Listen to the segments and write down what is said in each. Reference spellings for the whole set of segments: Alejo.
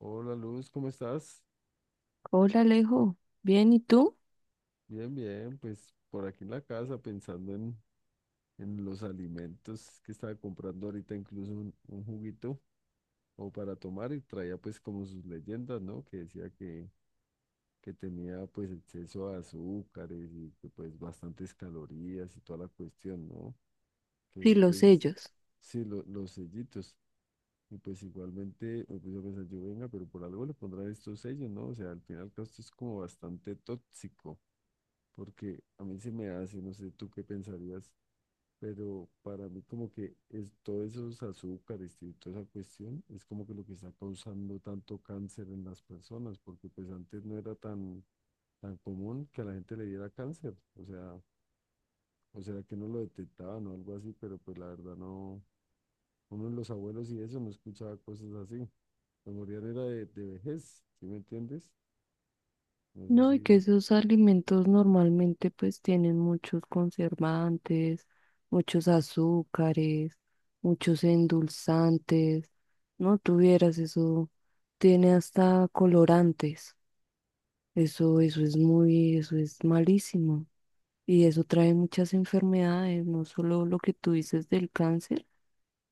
Hola Luz, ¿cómo estás? Hola Alejo, bien, ¿y tú? Bien, bien, pues por aquí en la casa pensando en los alimentos que estaba comprando ahorita, incluso un juguito o para tomar y traía pues como sus leyendas, ¿no? Que tenía pues exceso de azúcares y que pues bastantes calorías y toda la cuestión, ¿no? Que Sí, los después, sellos. sí, los sellitos. Y pues igualmente me puse a pensar, yo venga, pero por algo le pondrán estos sellos, ¿no? O sea, al final esto es como bastante tóxico porque a mí se me hace, no sé tú qué pensarías, pero para mí como que es, todos esos azúcares y toda esa cuestión es como que lo que está causando tanto cáncer en las personas, porque pues antes no era tan, tan común que a la gente le diera cáncer, o sea que no lo detectaban o algo así, pero pues la verdad no, uno de los abuelos y eso no escuchaba cosas así, lo morían era de vejez, ¿sí me entiendes? No sé No, y si, que esos alimentos normalmente pues tienen muchos conservantes, muchos azúcares, muchos endulzantes. No tuvieras eso, tiene hasta colorantes. Eso es malísimo. Y eso trae muchas enfermedades, no solo lo que tú dices del cáncer,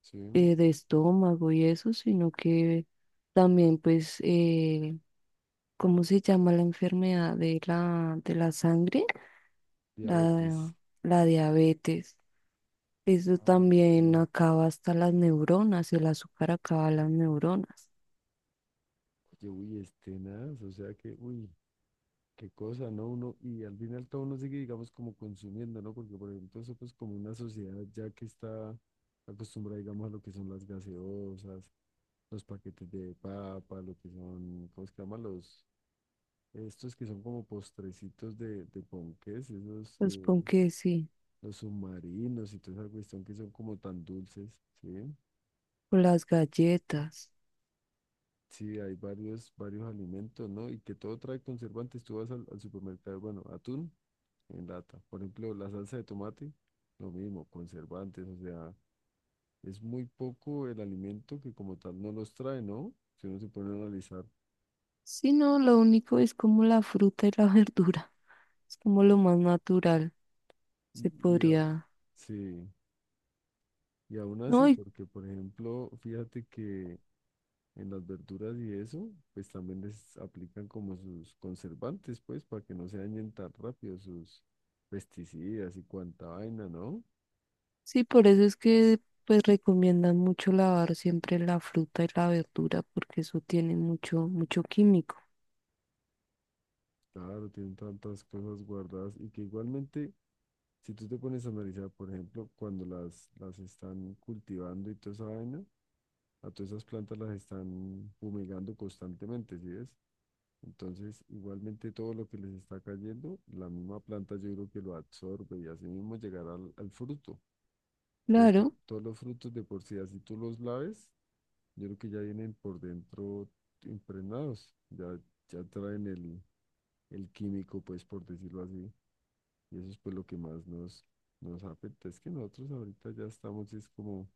sí, de estómago y eso, sino que también pues, ¿cómo se llama la enfermedad de la sangre? La, diabetes. la diabetes. Eso Ah, ok. también acaba hasta las neuronas, el azúcar acaba las neuronas. Oye, uy, es tenaz, o sea que, uy, qué cosa, ¿no? Uno, y al final todo uno sigue, digamos, como consumiendo, ¿no? Porque, por ejemplo, eso pues como una sociedad ya que está acostumbrada, digamos, a lo que son las gaseosas, los paquetes de papa, lo que son, ¿cómo se llama? Los, estos que son como postrecitos de ponqués, esos, Pues pon que sí, los submarinos y toda esa cuestión que son como tan dulces, ¿sí? o las galletas. Sí, hay varios, varios alimentos, ¿no? Y que todo trae conservantes. Tú vas al supermercado, bueno, atún en lata. Por ejemplo, la salsa de tomate, lo mismo, conservantes, o sea, es muy poco el alimento que como tal no los trae, ¿no? Si uno se pone a analizar. Si no, lo único es como la fruta y la verdura. Es como lo más natural. Se Y, y a- podría. sí, y aún No. así, porque por ejemplo, fíjate que en las verduras y eso, pues también les aplican como sus conservantes, pues, para que no se dañen tan rápido sus pesticidas y cuanta vaina, ¿no? Sí, por eso es que pues recomiendan mucho lavar siempre la fruta y la verdura porque eso tiene mucho mucho químico. Claro, tienen tantas cosas guardadas y que igualmente si tú te pones a analizar, por ejemplo, cuando las están cultivando y toda esa vaina, a todas esas plantas las están fumigando constantemente, ¿sí ves? Entonces, igualmente todo lo que les está cayendo, la misma planta yo creo que lo absorbe y así mismo llegará al fruto. Entonces, Claro, todos los frutos de por sí, así tú los laves, yo creo que ya vienen por dentro impregnados, ya, ya traen el químico, pues por decirlo así. Y eso es pues lo que más nos afecta. Es que nosotros ahorita ya estamos, es como,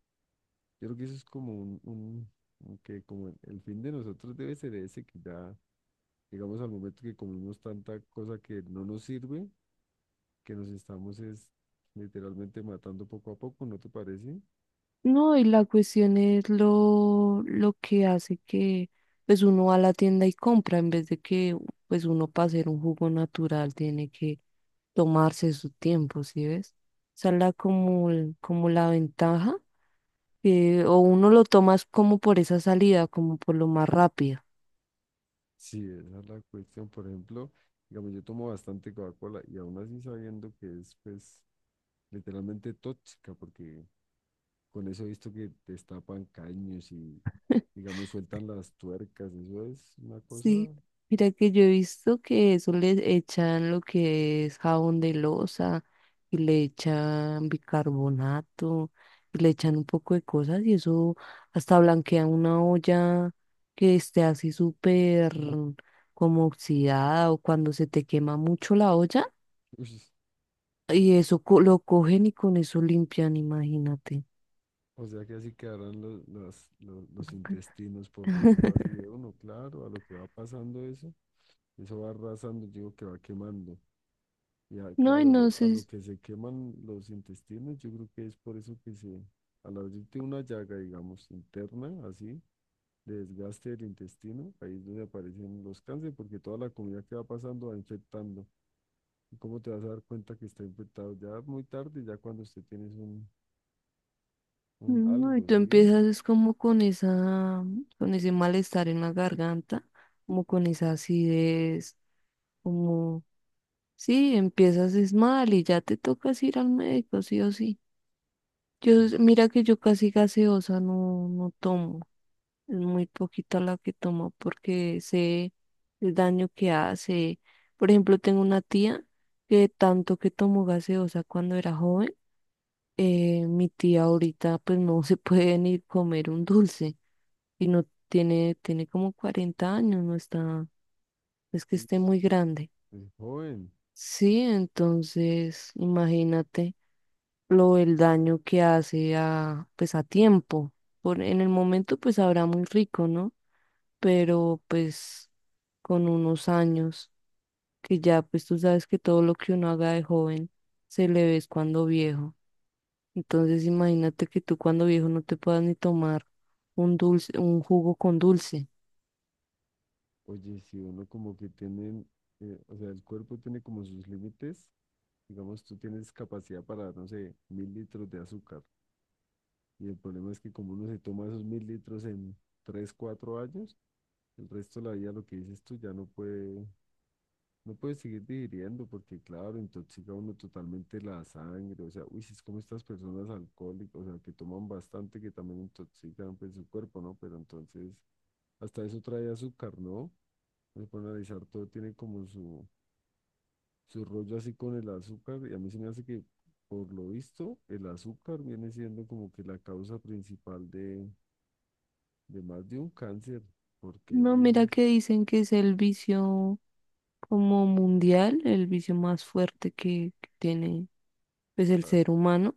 yo creo que eso es como un que como el fin de nosotros debe ser ese, que ya llegamos al momento que comemos tanta cosa que no nos sirve, que nos estamos es literalmente matando poco a poco, ¿no te parece? no, y la cuestión es lo que hace que pues uno va a la tienda y compra en vez de que pues uno para hacer un jugo natural tiene que tomarse su tiempo, ¿sí ves? Esa es la como, como la ventaja, que o uno lo tomas como por esa salida, como por lo más rápido. Sí, esa es la cuestión. Por ejemplo, digamos, yo tomo bastante Coca-Cola y aún así sabiendo que es pues literalmente tóxica, porque con eso he visto que destapan caños y, digamos, sueltan las tuercas. Eso es una cosa. Sí, mira que yo he visto que eso le echan lo que es jabón de loza y le echan bicarbonato y le echan un poco de cosas y eso hasta blanquea una olla que esté así súper como oxidada o cuando se te quema mucho la olla Uy, y eso lo cogen y con eso limpian, imagínate. o sea que así quedarán los, los intestinos, por decirlo así, de uno. Claro, a lo que va pasando eso, eso va arrasando, yo digo que va quemando. No, y Claro, no a sé. lo que se queman los intestinos, yo creo que es por eso que se, al abrirte una llaga, digamos, interna, así, de desgaste del intestino, ahí es donde aparecen los cánceres, porque toda la comida que va pasando va infectando. ¿Cómo te vas a dar cuenta que está infectado? Ya muy tarde, ya cuando usted tiene un No, y algo, tú ¿sí? empiezas es como con esa, con ese malestar en la garganta, como con esa acidez, como, sí, empiezas es mal y ya te tocas ir al médico, sí o sí. Yo, mira que yo casi gaseosa no, no tomo, es muy poquita la que tomo porque sé el daño que hace. Por ejemplo, tengo una tía que tanto que tomó gaseosa cuando era joven. Mi tía ahorita pues no se puede ni comer un dulce. Y no tiene, tiene como 40 años, no está, es que esté Es, muy grande. es joven. Sí, entonces imagínate lo el daño que hace a, pues a tiempo. Por, en el momento pues habrá muy rico, ¿no? Pero pues con unos años, que ya pues tú sabes que todo lo que uno haga de joven se le ve es cuando viejo. Entonces imagínate que tú cuando viejo no te puedas ni tomar un dulce, un jugo con dulce. Oye, si uno como que tiene, o sea, el cuerpo tiene como sus límites, digamos, tú tienes capacidad para, no sé, mil litros de azúcar. Y el problema es que como uno se toma esos mil litros en tres, cuatro años, el resto de la vida, lo que dices tú, ya no puede. No puedes seguir digiriendo porque, claro, intoxica uno totalmente la sangre. O sea, uy, si es como estas personas alcohólicas, o sea, que toman bastante, que también intoxican pues, su cuerpo, ¿no? Pero entonces, hasta eso trae azúcar, ¿no? Pues, para analizar todo, tiene como su rollo así con el azúcar. Y a mí se me hace que, por lo visto, el azúcar viene siendo como que la causa principal de más de un cáncer. Porque, No, mira uy, que dicen que es el vicio como mundial, el vicio más fuerte que tiene pues el ah, ser humano,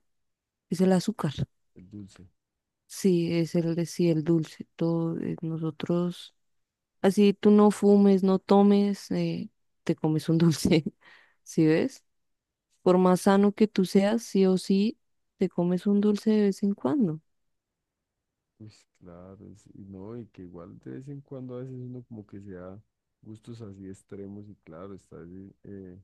es el azúcar. el dulce. Sí, es el de sí, el dulce. Todo, nosotros, así tú no fumes, no tomes, te comes un dulce, ¿sí ves? Por más sano que tú seas, sí o sí, te comes un dulce de vez en cuando. Pues claro, y no, y que igual de vez en cuando a veces uno como que se da gustos así extremos y claro, está así,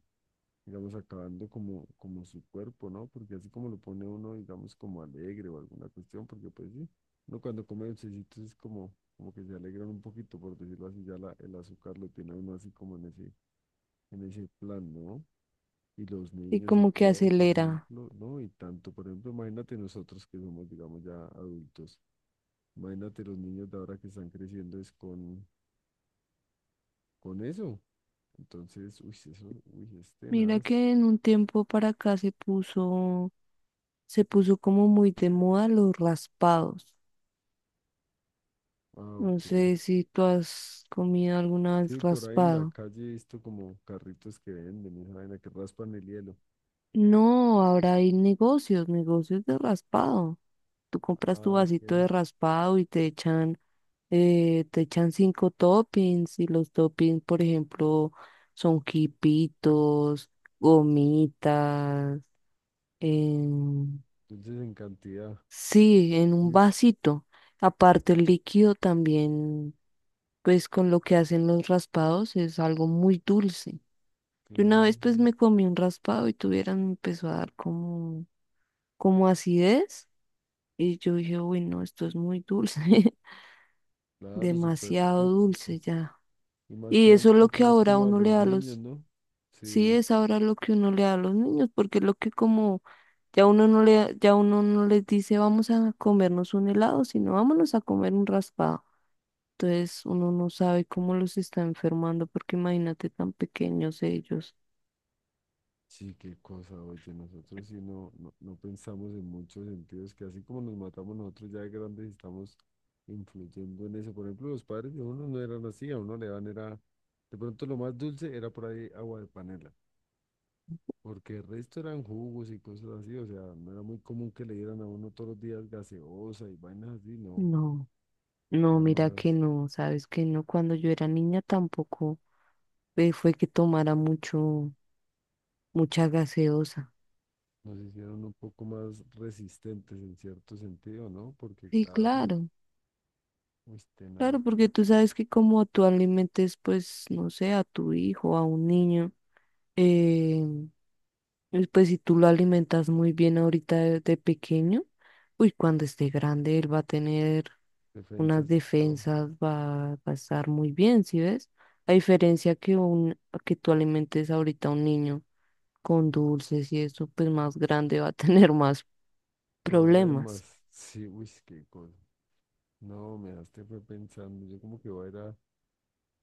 digamos, acabando como su cuerpo, ¿no? Porque así como lo pone uno, digamos, como alegre o alguna cuestión, porque pues sí, uno cuando come dulcecitos es como que se alegran un poquito, por decirlo así, ya la, el azúcar lo tiene uno así como en ese plan, ¿no? Y los Y niños y como que todo, por acelera. ejemplo, ¿no? Y tanto, por ejemplo, imagínate nosotros que somos, digamos, ya adultos. Imagínate los niños de ahora que están creciendo es con eso. Entonces, uy, eso, uy, es Mira tenaz. que en un tiempo para acá se puso como muy de moda los raspados. Ah, No ok. sé si tú has comido alguna vez Sí, por ahí en la raspado. calle he visto como carritos que venden, esa vaina que raspan el hielo. No, ahora hay negocios, negocios de raspado. Tú compras tu Ah, ok. vasito de raspado y te echan cinco toppings y los toppings, por ejemplo, son quipitos, gomitas, em, Entonces, en cantidad. sí, en un Uy, vasito. Aparte, el líquido también, pues con lo que hacen los raspados, es algo muy dulce. Yo una vez claro, pues me comí un raspado y tuvieran me empezó a dar como, como acidez. Y yo dije, uy, no, esto es muy dulce, claro, súper demasiado tóxico. dulce ya. Y más que Y eso es lo que enfocados ahora como a uno le los da a niños, los. ¿no? Sí, Sí. es ahora lo que uno le da a los niños, porque lo que como ya uno no le, ya uno no les dice vamos a comernos un helado, sino vámonos a comer un raspado. Entonces uno no sabe cómo los está enfermando, porque imagínate tan pequeños ellos. Sí, qué cosa, oye, nosotros sí no, no, no pensamos en muchos sentidos, que así como nos matamos nosotros ya de grandes estamos influyendo en eso. Por ejemplo, los padres de uno no eran así, a uno le dan era, de pronto lo más dulce era por ahí agua de panela, porque el resto eran jugos y cosas así, o sea, no era muy común que le dieran a uno todos los días gaseosa y vainas así, no, No, no, era mira que más, no, sabes que no, cuando yo era niña tampoco fue que tomara mucho, mucha gaseosa. nos hicieron un poco más resistentes en cierto sentido, ¿no? Porque Sí, claro, claro, uy, tenaz, claro, porque tú sabes que como tú alimentes, pues, no sé, a tu hijo, a un niño. eh, Y pues si tú lo alimentas muy bien ahorita de pequeño, uy, cuando esté grande él va a tener unas defensas y todo. defensas, va a estar muy bien, ¿sí ves? A diferencia que un, que tú alimentes ahorita a un niño con dulces y eso, pues más grande va a tener más problemas. Problemas. Sí, uy, qué cosa. No, me dejaste fue pensando. Yo como que voy a ir a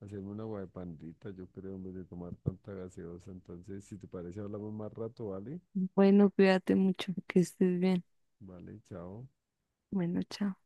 hacerme una agua de pandita, yo creo, en vez de tomar tanta gaseosa. Entonces, si te parece, hablamos más rato, ¿vale? Bueno, cuídate mucho, que estés bien. Vale, chao. Bueno, chao.